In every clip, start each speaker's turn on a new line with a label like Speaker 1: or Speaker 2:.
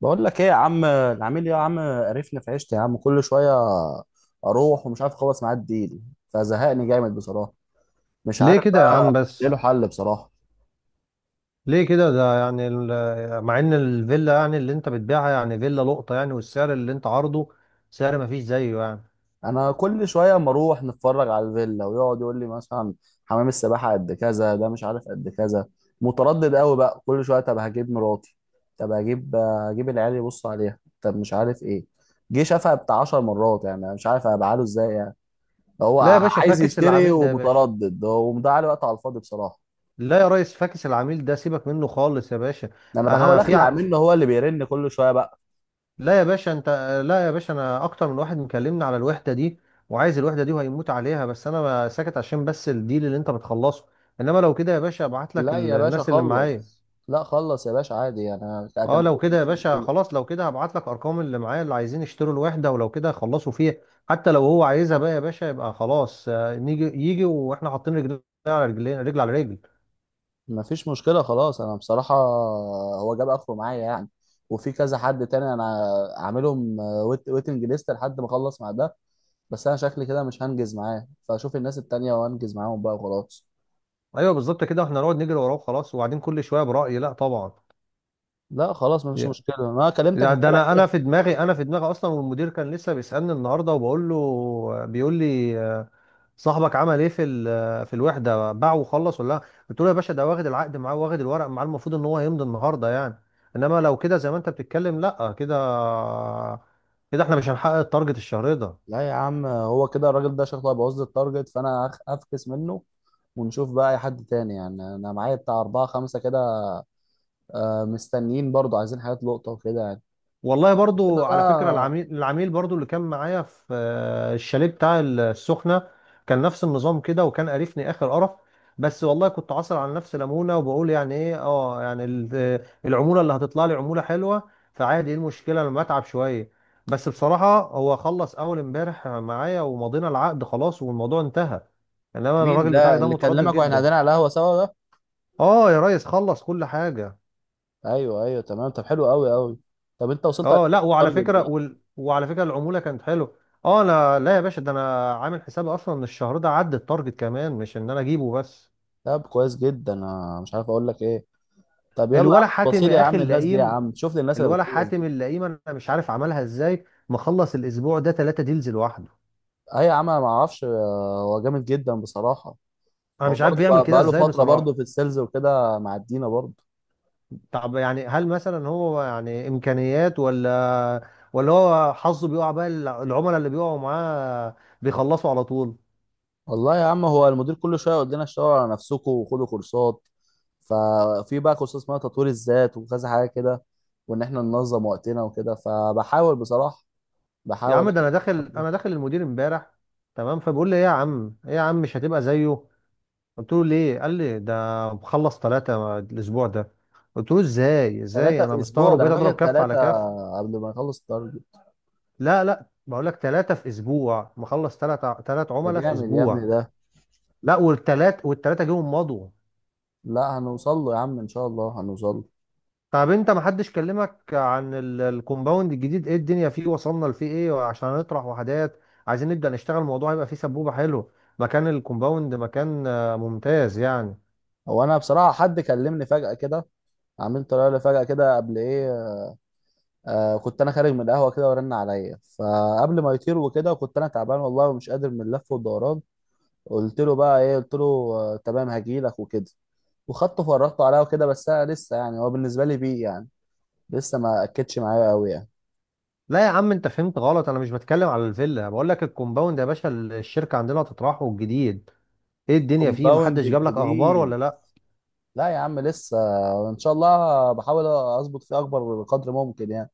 Speaker 1: بقول لك ايه يا عم، العميل يا عم قرفني في عيشتي يا عم كل شويه. اروح ومش عارف اخلص معاه الديل، فزهقني جامد بصراحه. مش
Speaker 2: ليه
Speaker 1: عارف
Speaker 2: كده يا عم
Speaker 1: بقى ايه
Speaker 2: بس.
Speaker 1: له حل بصراحه.
Speaker 2: ليه كده؟ ده يعني مع ان الفيلا يعني اللي انت بتبيعها يعني فيلا لقطة يعني، والسعر اللي انت عارضه سعر ما فيش زيه يعني.
Speaker 1: انا كل شويه اما اروح نتفرج على الفيلا ويقعد يقول لي مثلا حمام السباحه قد كذا، ده مش عارف قد كذا. متردد قوي بقى كل شويه، طب هجيب مراتي، طب هجيب العيال يبص عليها، طب مش عارف ايه. جه شافها بتاع 10 مرات يعني، أنا مش عارف ابعاله ازاي يعني. هو
Speaker 2: لا يا باشا،
Speaker 1: عايز
Speaker 2: فاكس
Speaker 1: يشتري
Speaker 2: العميل ده يا باشا.
Speaker 1: ومتردد ومضيع عليه وقت على الفاضي بصراحه.
Speaker 2: لا يا ريس، فاكس العميل ده، سيبك منه خالص يا باشا.
Speaker 1: ده انا بحاول
Speaker 2: انا في
Speaker 1: اخلع
Speaker 2: ع...
Speaker 1: منه، هو اللي بيرن كل شويه بقى.
Speaker 2: لا يا باشا انت. لا يا باشا، انا اكتر من واحد مكلمني على الوحدة دي وعايز الوحدة دي وهيموت عليها، بس انا ساكت عشان بس الديل اللي انت بتخلصه. انما لو كده يا باشا، ابعت لك
Speaker 1: لا يا باشا
Speaker 2: الناس اللي معايا.
Speaker 1: خلص. لا خلص يا باشا عادي يعني. انا
Speaker 2: اه،
Speaker 1: كان.
Speaker 2: لو كده يا
Speaker 1: مش
Speaker 2: باشا
Speaker 1: مشكله.
Speaker 2: خلاص، لو كده هبعت لك ارقام اللي معايا اللي عايزين يشتروا الوحده، ولو كده خلصوا فيها. حتى لو هو عايزها بقى يا باشا يبقى خلاص، نيجي يجي واحنا حاطين رجلنا على رجلين، رجل على رجل.
Speaker 1: مفيش مشكله خلاص، انا بصراحه هو جاب اخره معايا يعني. وفي كذا حد تاني، انا عاملهم ويت ويتنج ليست لحد ما اخلص مع ده. بس انا شكلي كده مش هنجز معاه، فاشوف الناس التانيه وانجز معاهم بقى وخلاص.
Speaker 2: ايوه بالظبط كده، احنا نقعد نجري وراه، خلاص، وبعدين كل شويه، برايي لا طبعا.
Speaker 1: لا خلاص مفيش
Speaker 2: يا-
Speaker 1: مشكله، انا كلمتك
Speaker 2: ده
Speaker 1: امبارح
Speaker 2: انا
Speaker 1: كده.
Speaker 2: انا في دماغي، انا في دماغي اصلا، والمدير كان لسه بيسالني النهارده وبقول له، بيقول لي صاحبك عمل ايه في في الوحده، باعه وخلص ولا لا؟ قلت له يا باشا ده واخد العقد معاه واخد الورق معاه، المفروض ان هو يمضي النهارده يعني. انما لو كده زي ما انت بتتكلم، لا كده، كده احنا مش هنحقق التارجت الشهري ده.
Speaker 1: لا يا عم، هو كده الراجل ده شكله هيبوظ لي التارجت، فانا هفكس منه، ونشوف بقى اي حد تاني يعني. انا معايا بتاع اربعة خمسة كده، مستنيين برضو عايزين حاجات لقطة وكده يعني.
Speaker 2: والله
Speaker 1: كده
Speaker 2: برضو، على فكرة،
Speaker 1: بقى.
Speaker 2: العميل برضو اللي كان معايا في الشاليه بتاع السخنة كان نفس النظام كده، وكان قرفني آخر قرف. بس والله كنت عاصر على نفسي ليمونة وبقول يعني ايه، اه، يعني العمولة اللي هتطلع لي عمولة حلوة، فعادي ايه المشكلة لما اتعب شوية. بس بصراحة هو خلص أول امبارح معايا ومضينا العقد خلاص، والموضوع انتهى. انما
Speaker 1: مين
Speaker 2: الراجل
Speaker 1: ده
Speaker 2: بتاعك ده
Speaker 1: اللي
Speaker 2: متردد
Speaker 1: كلمك واحنا
Speaker 2: جدا.
Speaker 1: قاعدين على القهوة سوا ده؟
Speaker 2: اه يا ريس، خلص كل حاجة.
Speaker 1: ايوه ايوه تمام، طب حلو قوي قوي. طب انت وصلت قد
Speaker 2: اه
Speaker 1: ايه
Speaker 2: لا،
Speaker 1: في
Speaker 2: وعلى
Speaker 1: التارجت
Speaker 2: فكره
Speaker 1: ده؟
Speaker 2: وعلى فكره العموله كانت حلوه. اه انا، لا يا باشا، ده انا عامل حسابي اصلا ان الشهر ده عدى التارجت كمان، مش ان انا اجيبه بس.
Speaker 1: طب كويس جدا، انا مش عارف اقول لك ايه. طب يلا يا عم،
Speaker 2: الولا حاتم
Speaker 1: بصيلي يا
Speaker 2: يا اخي
Speaker 1: عم الناس دي يا
Speaker 2: اللئيم،
Speaker 1: عم، شوف لي الناس اللي
Speaker 2: الولا
Speaker 1: بتخلص
Speaker 2: حاتم
Speaker 1: دي.
Speaker 2: اللئيم، انا مش عارف عملها ازاي، مخلص الاسبوع ده 3 ديلز لوحده.
Speaker 1: اي يا عم انا ما اعرفش، هو جامد جدا بصراحة.
Speaker 2: انا
Speaker 1: هو
Speaker 2: مش عارف
Speaker 1: برضه
Speaker 2: بيعمل
Speaker 1: بقى
Speaker 2: كده
Speaker 1: بقاله
Speaker 2: ازاي
Speaker 1: فترة برضه
Speaker 2: بصراحه.
Speaker 1: في السيلز وكده، معدينا برضه.
Speaker 2: طب يعني هل مثلا هو يعني امكانيات ولا هو حظه بيقع بقى؟ العملاء اللي بيقعوا معاه بيخلصوا على طول.
Speaker 1: والله يا عم، هو المدير كل شوية يقول لنا اشتغلوا على نفسكم وخدوا كورسات. ففي بقى كورسات اسمها تطوير الذات وكذا حاجة كده، وإن إحنا ننظم وقتنا وكده، فبحاول بصراحة،
Speaker 2: يا
Speaker 1: بحاول.
Speaker 2: عم، ده انا داخل المدير امبارح، تمام، فبيقول لي ايه يا عم، ايه يا عم مش هتبقى زيه؟ قلت له ليه؟ قال لي ده مخلص ثلاثة الاسبوع ده. قلت له ازاي؟
Speaker 1: ثلاثة
Speaker 2: انا
Speaker 1: في أسبوع،
Speaker 2: مستغرب،
Speaker 1: ده أنا
Speaker 2: بقيت
Speaker 1: فاكر
Speaker 2: اضرب كف على
Speaker 1: ثلاثة
Speaker 2: كف.
Speaker 1: قبل ما نخلص التارجت.
Speaker 2: لا لا، بقول لك 3 في اسبوع، مخلص ثلاث
Speaker 1: ده
Speaker 2: عملاء في
Speaker 1: جامد يا ابني
Speaker 2: اسبوع
Speaker 1: ده.
Speaker 2: لا، والثلاثة جيهم مضوا.
Speaker 1: لا هنوصل له يا عم، إن شاء الله هنوصل له.
Speaker 2: طب انت محدش كلمك عن الكومباوند الجديد؟ ايه الدنيا فيه، وصلنا لفيه ايه؟ وعشان نطرح وحدات، عايزين نبدأ نشتغل، الموضوع هيبقى فيه سبوبة حلو. مكان الكومباوند مكان ممتاز يعني.
Speaker 1: هو أنا بصراحة حد كلمني فجأة كده، عملت طلع لي فجأة كده قبل إيه. آه، كنت انا خارج من القهوه كده ورن عليا، فقبل ما يطير وكده كنت انا تعبان والله ومش قادر من اللف والدوران. قلت له بقى ايه، قلت له آه تمام هجيلك وكده، وخدته فرجته عليا وكده. بس انا لسه يعني هو بالنسبه لي بيه يعني، لسه ما اكدش معايا قوي يعني.
Speaker 2: لا يا عم انت فهمت غلط، انا مش بتكلم على الفيلا، بقول لك الكومباوند يا باشا، الشركة عندنا هتطرحه الجديد، ايه الدنيا فيه،
Speaker 1: كومباوند
Speaker 2: محدش جاب لك اخبار ولا
Speaker 1: الجديد؟
Speaker 2: لا؟
Speaker 1: لا يا عم لسه، ان شاء الله بحاول اظبط فيه اكبر قدر ممكن يعني.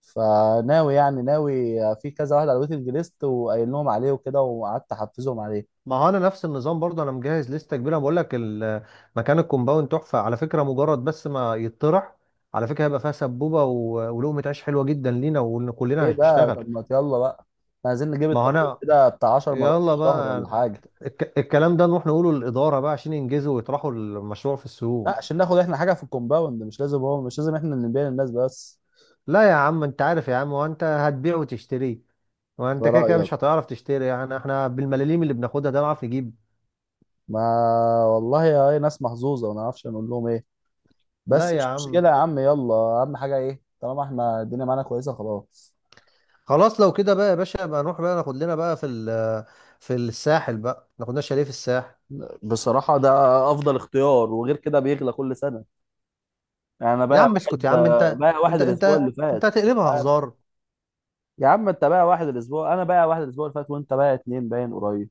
Speaker 1: فناوي يعني ناوي في كذا واحد على الويتنج ليست، وقايل لهم عليه وكده، وقعدت احفزهم عليه.
Speaker 2: ما هو انا نفس النظام برضه، انا مجهز لسته كبيره، بقول لك مكان الكومباوند تحفه على فكره، مجرد بس ما يتطرح، على فكره هيبقى فيها سبوبه ولقمه عيش حلوه جدا لينا، وان كلنا
Speaker 1: ايه بقى
Speaker 2: هنشتغل.
Speaker 1: طب، ما يلا بقى. إحنا عايزين نجيب
Speaker 2: ما هو
Speaker 1: التارجت
Speaker 2: انا،
Speaker 1: كده بتاع 10 مرات في
Speaker 2: يلا
Speaker 1: الشهر
Speaker 2: بقى،
Speaker 1: ولا حاجه.
Speaker 2: الكلام ده نروح نقوله للاداره بقى عشان ينجزوا ويطرحوا المشروع في
Speaker 1: لا،
Speaker 2: السوق.
Speaker 1: عشان ناخد احنا حاجه في الكومباوند، مش لازم هو، مش لازم احنا اللي نبيع للناس بس.
Speaker 2: لا يا عم انت عارف يا عم، وانت هتبيع وتشتري، وانت
Speaker 1: على
Speaker 2: كده كده مش
Speaker 1: رايك.
Speaker 2: هتعرف تشتري يعني، احنا بالملاليم اللي بناخدها ده نعرف نجيب؟
Speaker 1: ما والله يا ايه، ناس محظوظه ما نعرفش نقول لهم ايه.
Speaker 2: لا
Speaker 1: بس
Speaker 2: يا
Speaker 1: مش
Speaker 2: عم،
Speaker 1: مشكله يا عم يلا، اهم حاجه ايه طالما احنا الدنيا معانا كويسه، خلاص.
Speaker 2: خلاص لو كده بقى يا باشا، بقى نروح بقى ناخد لنا بقى في في الساحل بقى، ناخد لنا شاليه في الساحل.
Speaker 1: بصراحة ده أفضل اختيار، وغير كده بيغلى كل سنة. يعني أنا
Speaker 2: يا
Speaker 1: بايع
Speaker 2: عم اسكت
Speaker 1: واحد،
Speaker 2: يا عم، انت
Speaker 1: بايع واحد
Speaker 2: انت
Speaker 1: الأسبوع
Speaker 2: انت
Speaker 1: اللي فات
Speaker 2: انت
Speaker 1: أنت
Speaker 2: هتقلبها
Speaker 1: عارف.
Speaker 2: هزار.
Speaker 1: يا عم أنت بايع واحد الأسبوع، أنا بايع واحد الأسبوع اللي فات، وأنت بايع اتنين باين قريب.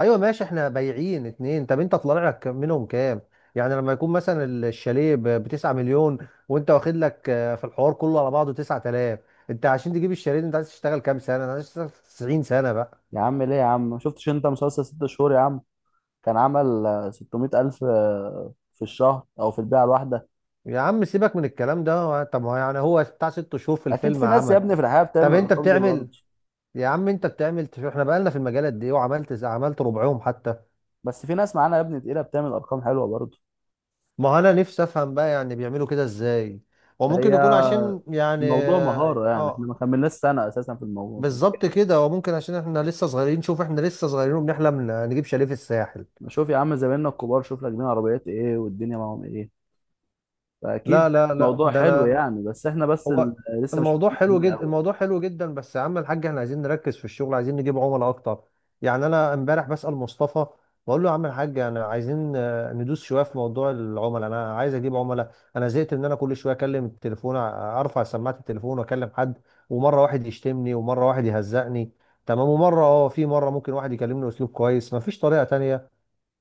Speaker 2: ايوه ماشي، احنا بايعين اتنين. طب انت طلع لك منهم كام؟ يعني لما يكون مثلا الشاليه ب 9 مليون، وانت واخد لك في الحوار كله على بعضه 9000، انت عشان تجيب الشاليه ده انت عايز تشتغل كام سنه؟ انا عايز اشتغل 90 سنه بقى؟
Speaker 1: يا عم ليه يا عم، ما شفتش انت مسلسل ست شهور يا عم؟ كان عمل 600 ألف في الشهر أو في البيعة الواحدة.
Speaker 2: يا عم سيبك من الكلام ده، طب ما هو يعني هو بتاع 6 شهور في
Speaker 1: أكيد
Speaker 2: الفيلم
Speaker 1: في ناس يا
Speaker 2: عمل.
Speaker 1: ابني في الحياة بتعمل
Speaker 2: طب انت
Speaker 1: الأرقام دي برضه.
Speaker 2: بتعمل؟ يا عم انت بتعمل احنا بقالنا في المجالات دي، وعملت عملت ربعهم حتى.
Speaker 1: بس في ناس معانا يا ابني تقيلة بتعمل أرقام حلوة برضه.
Speaker 2: ما انا نفسي افهم بقى يعني بيعملوا كده ازاي، وممكن
Speaker 1: هي
Speaker 2: يكون عشان يعني
Speaker 1: الموضوع مهارة يعني، احنا ما كملناش سنة أساسا في الموضوع.
Speaker 2: بالظبط كده، وممكن عشان احنا لسه صغيرين، شوف احنا لسه صغيرين وبنحلم نجيب شاليه في الساحل.
Speaker 1: ده شوف يا عم زمايلنا الكبار، شوف راكبين عربيات إيه والدنيا معاهم إيه، فأكيد
Speaker 2: لا لا لا،
Speaker 1: الموضوع
Speaker 2: ده
Speaker 1: حلو
Speaker 2: انا.
Speaker 1: يعني، بس احنا بس
Speaker 2: هو
Speaker 1: لسه مش
Speaker 2: الموضوع
Speaker 1: فاهمين
Speaker 2: حلو
Speaker 1: الدنيا
Speaker 2: جدا،
Speaker 1: أوي.
Speaker 2: الموضوع حلو جدا، بس يا عم الحاج، احنا عايزين نركز في الشغل، عايزين نجيب عملاء اكتر. يعني انا امبارح بسأل مصطفى، بقول له يا عم الحاج، انا عايزين ندوس شويه في موضوع العملاء، انا عايز اجيب عملاء، انا زهقت ان انا كل شويه اكلم التليفون، ارفع سماعه التليفون واكلم حد، ومره واحد يشتمني ومره واحد يهزقني، تمام، ومره اه في مره ممكن واحد يكلمني اسلوب كويس. مفيش طريقه تانية؟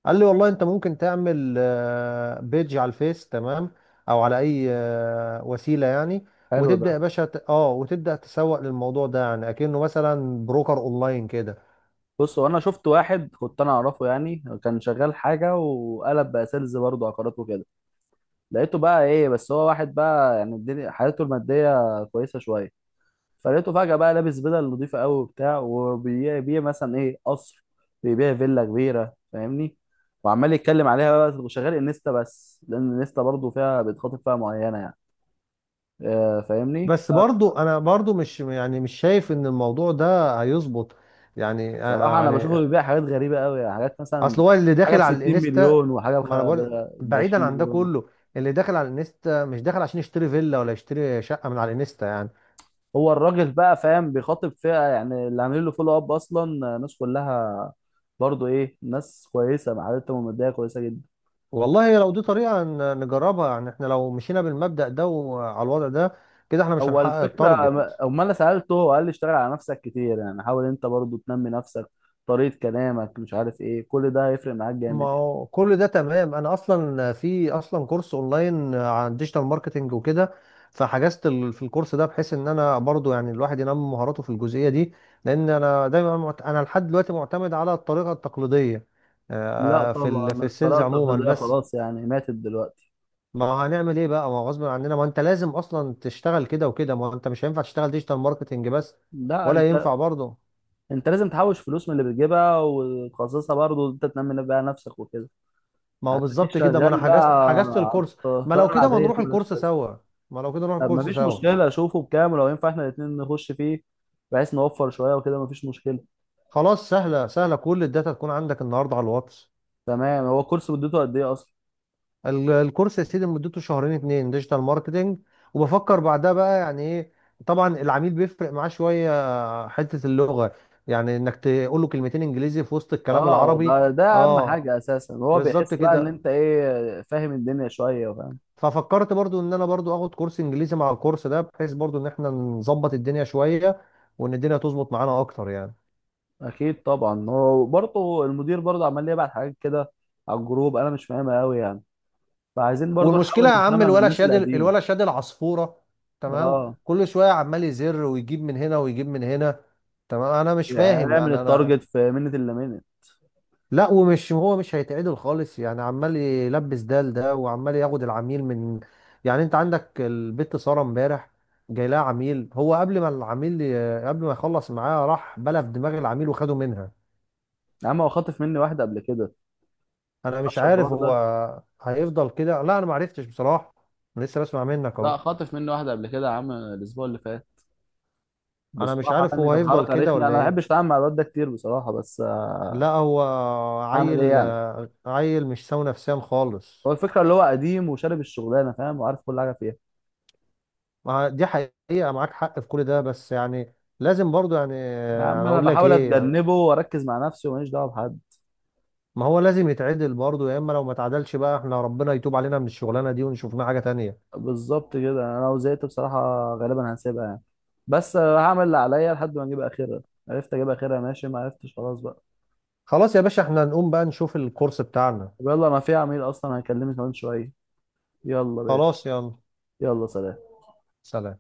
Speaker 2: قال لي والله انت ممكن تعمل بيج على الفيس، تمام، او على اي وسيله يعني،
Speaker 1: حلو ده.
Speaker 2: وتبدا يا باشا وتبدا تسوق للموضوع ده، يعني اكنه مثلا بروكر اونلاين كده.
Speaker 1: بص، هو انا شفت واحد كنت انا اعرفه يعني، كان شغال حاجه وقلب بقى سيلز برضه عقارات وكده. لقيته بقى ايه، بس هو واحد بقى يعني الدنيا حالته الماديه كويسه شويه. فلقيته فجاه بقى لابس بدل نظيفه قوي وبتاع، وبيبيع مثلا ايه قصر، بيبيع فيلا كبيره فاهمني، وعمال يتكلم عليها بقى، وشغال انستا. بس لان الانستا برضه فيها بيتخاطب فيها معينه يعني، فاهمني.
Speaker 2: بس برضو انا برضو مش يعني مش شايف ان الموضوع ده هيظبط يعني.
Speaker 1: بصراحه انا بشوفه
Speaker 2: يعني
Speaker 1: بيبيع حاجات غريبه قوي يعني، حاجات مثلا
Speaker 2: اصل هو اللي
Speaker 1: حاجه ب
Speaker 2: داخل
Speaker 1: 60
Speaker 2: على الانستا،
Speaker 1: مليون وحاجه
Speaker 2: ما انا بقول،
Speaker 1: ب
Speaker 2: بعيدا
Speaker 1: 20
Speaker 2: عن ده
Speaker 1: مليون.
Speaker 2: كله، اللي داخل على الانستا مش داخل عشان يشتري فيلا ولا يشتري شقه من على الانستا يعني.
Speaker 1: هو الراجل بقى فاهم، بيخاطب فئة يعني اللي عاملين له فولو اب اصلا، ناس كلها برضو ايه ناس كويسة معادتهم المادية كويسة جدا.
Speaker 2: والله لو دي طريقة نجربها، يعني احنا لو مشينا بالمبدأ ده وعلى الوضع ده، كده احنا مش
Speaker 1: هو
Speaker 2: هنحقق
Speaker 1: الفكرة،
Speaker 2: التارجت.
Speaker 1: أما أنا سألته هو قال لي اشتغل على نفسك كتير يعني، حاول أنت برضو تنمي نفسك، طريقة كلامك، مش عارف إيه، كل ده هيفرق معاك
Speaker 2: ما
Speaker 1: جامد يعني.
Speaker 2: هو كل ده تمام، انا اصلا في اصلا كورس اونلاين عن ديجيتال ماركتنج وكده، فحجزت في الكورس ده، بحيث ان انا برضو يعني الواحد ينمي مهاراته في الجزئية دي، لان انا دايما انا لحد دلوقتي معتمد على الطريقة التقليدية،
Speaker 1: لا
Speaker 2: في
Speaker 1: طبعا
Speaker 2: في
Speaker 1: الطريقة
Speaker 2: السيلز عموما
Speaker 1: التقليدية
Speaker 2: بس.
Speaker 1: خلاص يعني ماتت دلوقتي.
Speaker 2: ما هو هنعمل ايه بقى؟ ما هو غصب عننا، ما انت لازم اصلا تشتغل كده وكده، ما هو انت مش هينفع تشتغل ديجيتال ماركتنج بس،
Speaker 1: لا
Speaker 2: ولا
Speaker 1: أنت،
Speaker 2: ينفع برضه.
Speaker 1: أنت لازم تحوش فلوس من اللي بتجيبها وتخصصها، برضو أنت تنمي بقى نفسك وكده،
Speaker 2: ما هو
Speaker 1: هتديك
Speaker 2: بالظبط كده، ما انا
Speaker 1: شغال بقى.
Speaker 2: حجزت الكورس.
Speaker 1: على
Speaker 2: ما لو
Speaker 1: الطريقة
Speaker 2: كده ما
Speaker 1: العادية
Speaker 2: نروح
Speaker 1: دي ملهاش
Speaker 2: الكورس
Speaker 1: لازمة.
Speaker 2: سوا؟ ما لو كده نروح
Speaker 1: طب
Speaker 2: الكورس
Speaker 1: مفيش
Speaker 2: سوا.
Speaker 1: مشكلة، أشوفه بكام ولو ينفع إحنا الاتنين نخش فيه، بحيث نوفر شوية وكده، مفيش مشكلة.
Speaker 2: خلاص، سهله سهله، كل الداتا تكون عندك النهارده على الواتس.
Speaker 1: تمام، هو الكورس مدته قد إيه أصلا؟
Speaker 2: الكورس يا سيدي مدته شهرين اتنين ديجيتال ماركتنج، وبفكر بعدها بقى يعني ايه، طبعا العميل بيفرق معاه شويه حته اللغه، يعني انك تقول له كلمتين انجليزي في وسط الكلام
Speaker 1: أه،
Speaker 2: العربي.
Speaker 1: ده أهم
Speaker 2: اه،
Speaker 1: حاجة أساسا. هو
Speaker 2: بالظبط
Speaker 1: بيحس بقى إن
Speaker 2: كده،
Speaker 1: أنت إيه، فاهم الدنيا شوية، فاهم
Speaker 2: ففكرت برضو ان انا برضو اخد كورس انجليزي مع الكورس ده، بحيث برضو ان احنا نظبط الدنيا شوية، وان الدنيا تظبط معانا اكتر يعني.
Speaker 1: أكيد طبعا. هو برضه المدير برضه عمال يبعت حاجات كده على الجروب، أنا مش فاهمها أوي يعني، فعايزين برضه
Speaker 2: والمشكلة
Speaker 1: نحاول
Speaker 2: يا عم،
Speaker 1: نفهمها من
Speaker 2: الولا
Speaker 1: الناس
Speaker 2: شاد،
Speaker 1: القديمة.
Speaker 2: الولا شاد العصفورة، تمام،
Speaker 1: أه،
Speaker 2: كل شوية عمال يزر، ويجيب من هنا ويجيب من هنا، تمام، انا مش
Speaker 1: يعني
Speaker 2: فاهم
Speaker 1: نعمل
Speaker 2: يعني انا.
Speaker 1: التارجت في منة إلا منة.
Speaker 2: لا، ومش هو مش هيتعدل خالص يعني، عمال يلبس ده لده، وعمال ياخد العميل من، يعني انت عندك البت سارة امبارح، جاي لها عميل، هو قبل ما العميل قبل ما يخلص معاه راح بلف دماغ العميل وخده منها.
Speaker 1: يا عم هو خاطف مني واحدة قبل كده،
Speaker 2: انا مش
Speaker 1: معرفش
Speaker 2: عارف
Speaker 1: الحوار
Speaker 2: هو
Speaker 1: ده.
Speaker 2: هيفضل كده، لا انا ما عرفتش بصراحه، أنا لسه بسمع منك
Speaker 1: لا
Speaker 2: اهو.
Speaker 1: خاطف مني واحدة قبل كده يا عم، الأسبوع اللي فات.
Speaker 2: انا مش
Speaker 1: بصراحه
Speaker 2: عارف
Speaker 1: يعني
Speaker 2: هو
Speaker 1: كان
Speaker 2: هيفضل
Speaker 1: حركه
Speaker 2: كده
Speaker 1: رخمه، انا
Speaker 2: ولا
Speaker 1: ما
Speaker 2: ايه.
Speaker 1: بحبش اتعامل مع الواد ده كتير بصراحه، بس
Speaker 2: لا هو
Speaker 1: اعمل ايه
Speaker 2: عيل،
Speaker 1: يعني.
Speaker 2: عيل مش سوي نفسيا خالص.
Speaker 1: هو الفكره اللي هو قديم وشارب الشغلانه، فاهم وعارف كل حاجه فيها.
Speaker 2: ما دي حقيقه، معاك حق في كل ده، بس يعني لازم برضو يعني.
Speaker 1: يا عم
Speaker 2: انا
Speaker 1: انا
Speaker 2: اقول لك
Speaker 1: بحاول
Speaker 2: ايه،
Speaker 1: اتجنبه واركز مع نفسي وماليش دعوه بحد.
Speaker 2: ما هو لازم يتعدل برضو، يا اما لو ما اتعدلش بقى احنا ربنا يتوب علينا من الشغلانه دي، ونشوف لنا حاجه تانية.
Speaker 1: بالظبط كده، انا لو زهقت بصراحه غالبا هسيبها يعني، بس هعمل اللي عليا لحد ما اجيب اخرها. عرفت اجيب اخرها ماشي، ما عرفتش خلاص بقى.
Speaker 2: خلاص يا باشا، احنا نقوم بقى نشوف الكورس بتاعنا.
Speaker 1: طب يلا، ما في عميل اصلا هيكلمني كمان شويه، يلا باشا.
Speaker 2: خلاص يلا
Speaker 1: يلا سلام.
Speaker 2: سلام.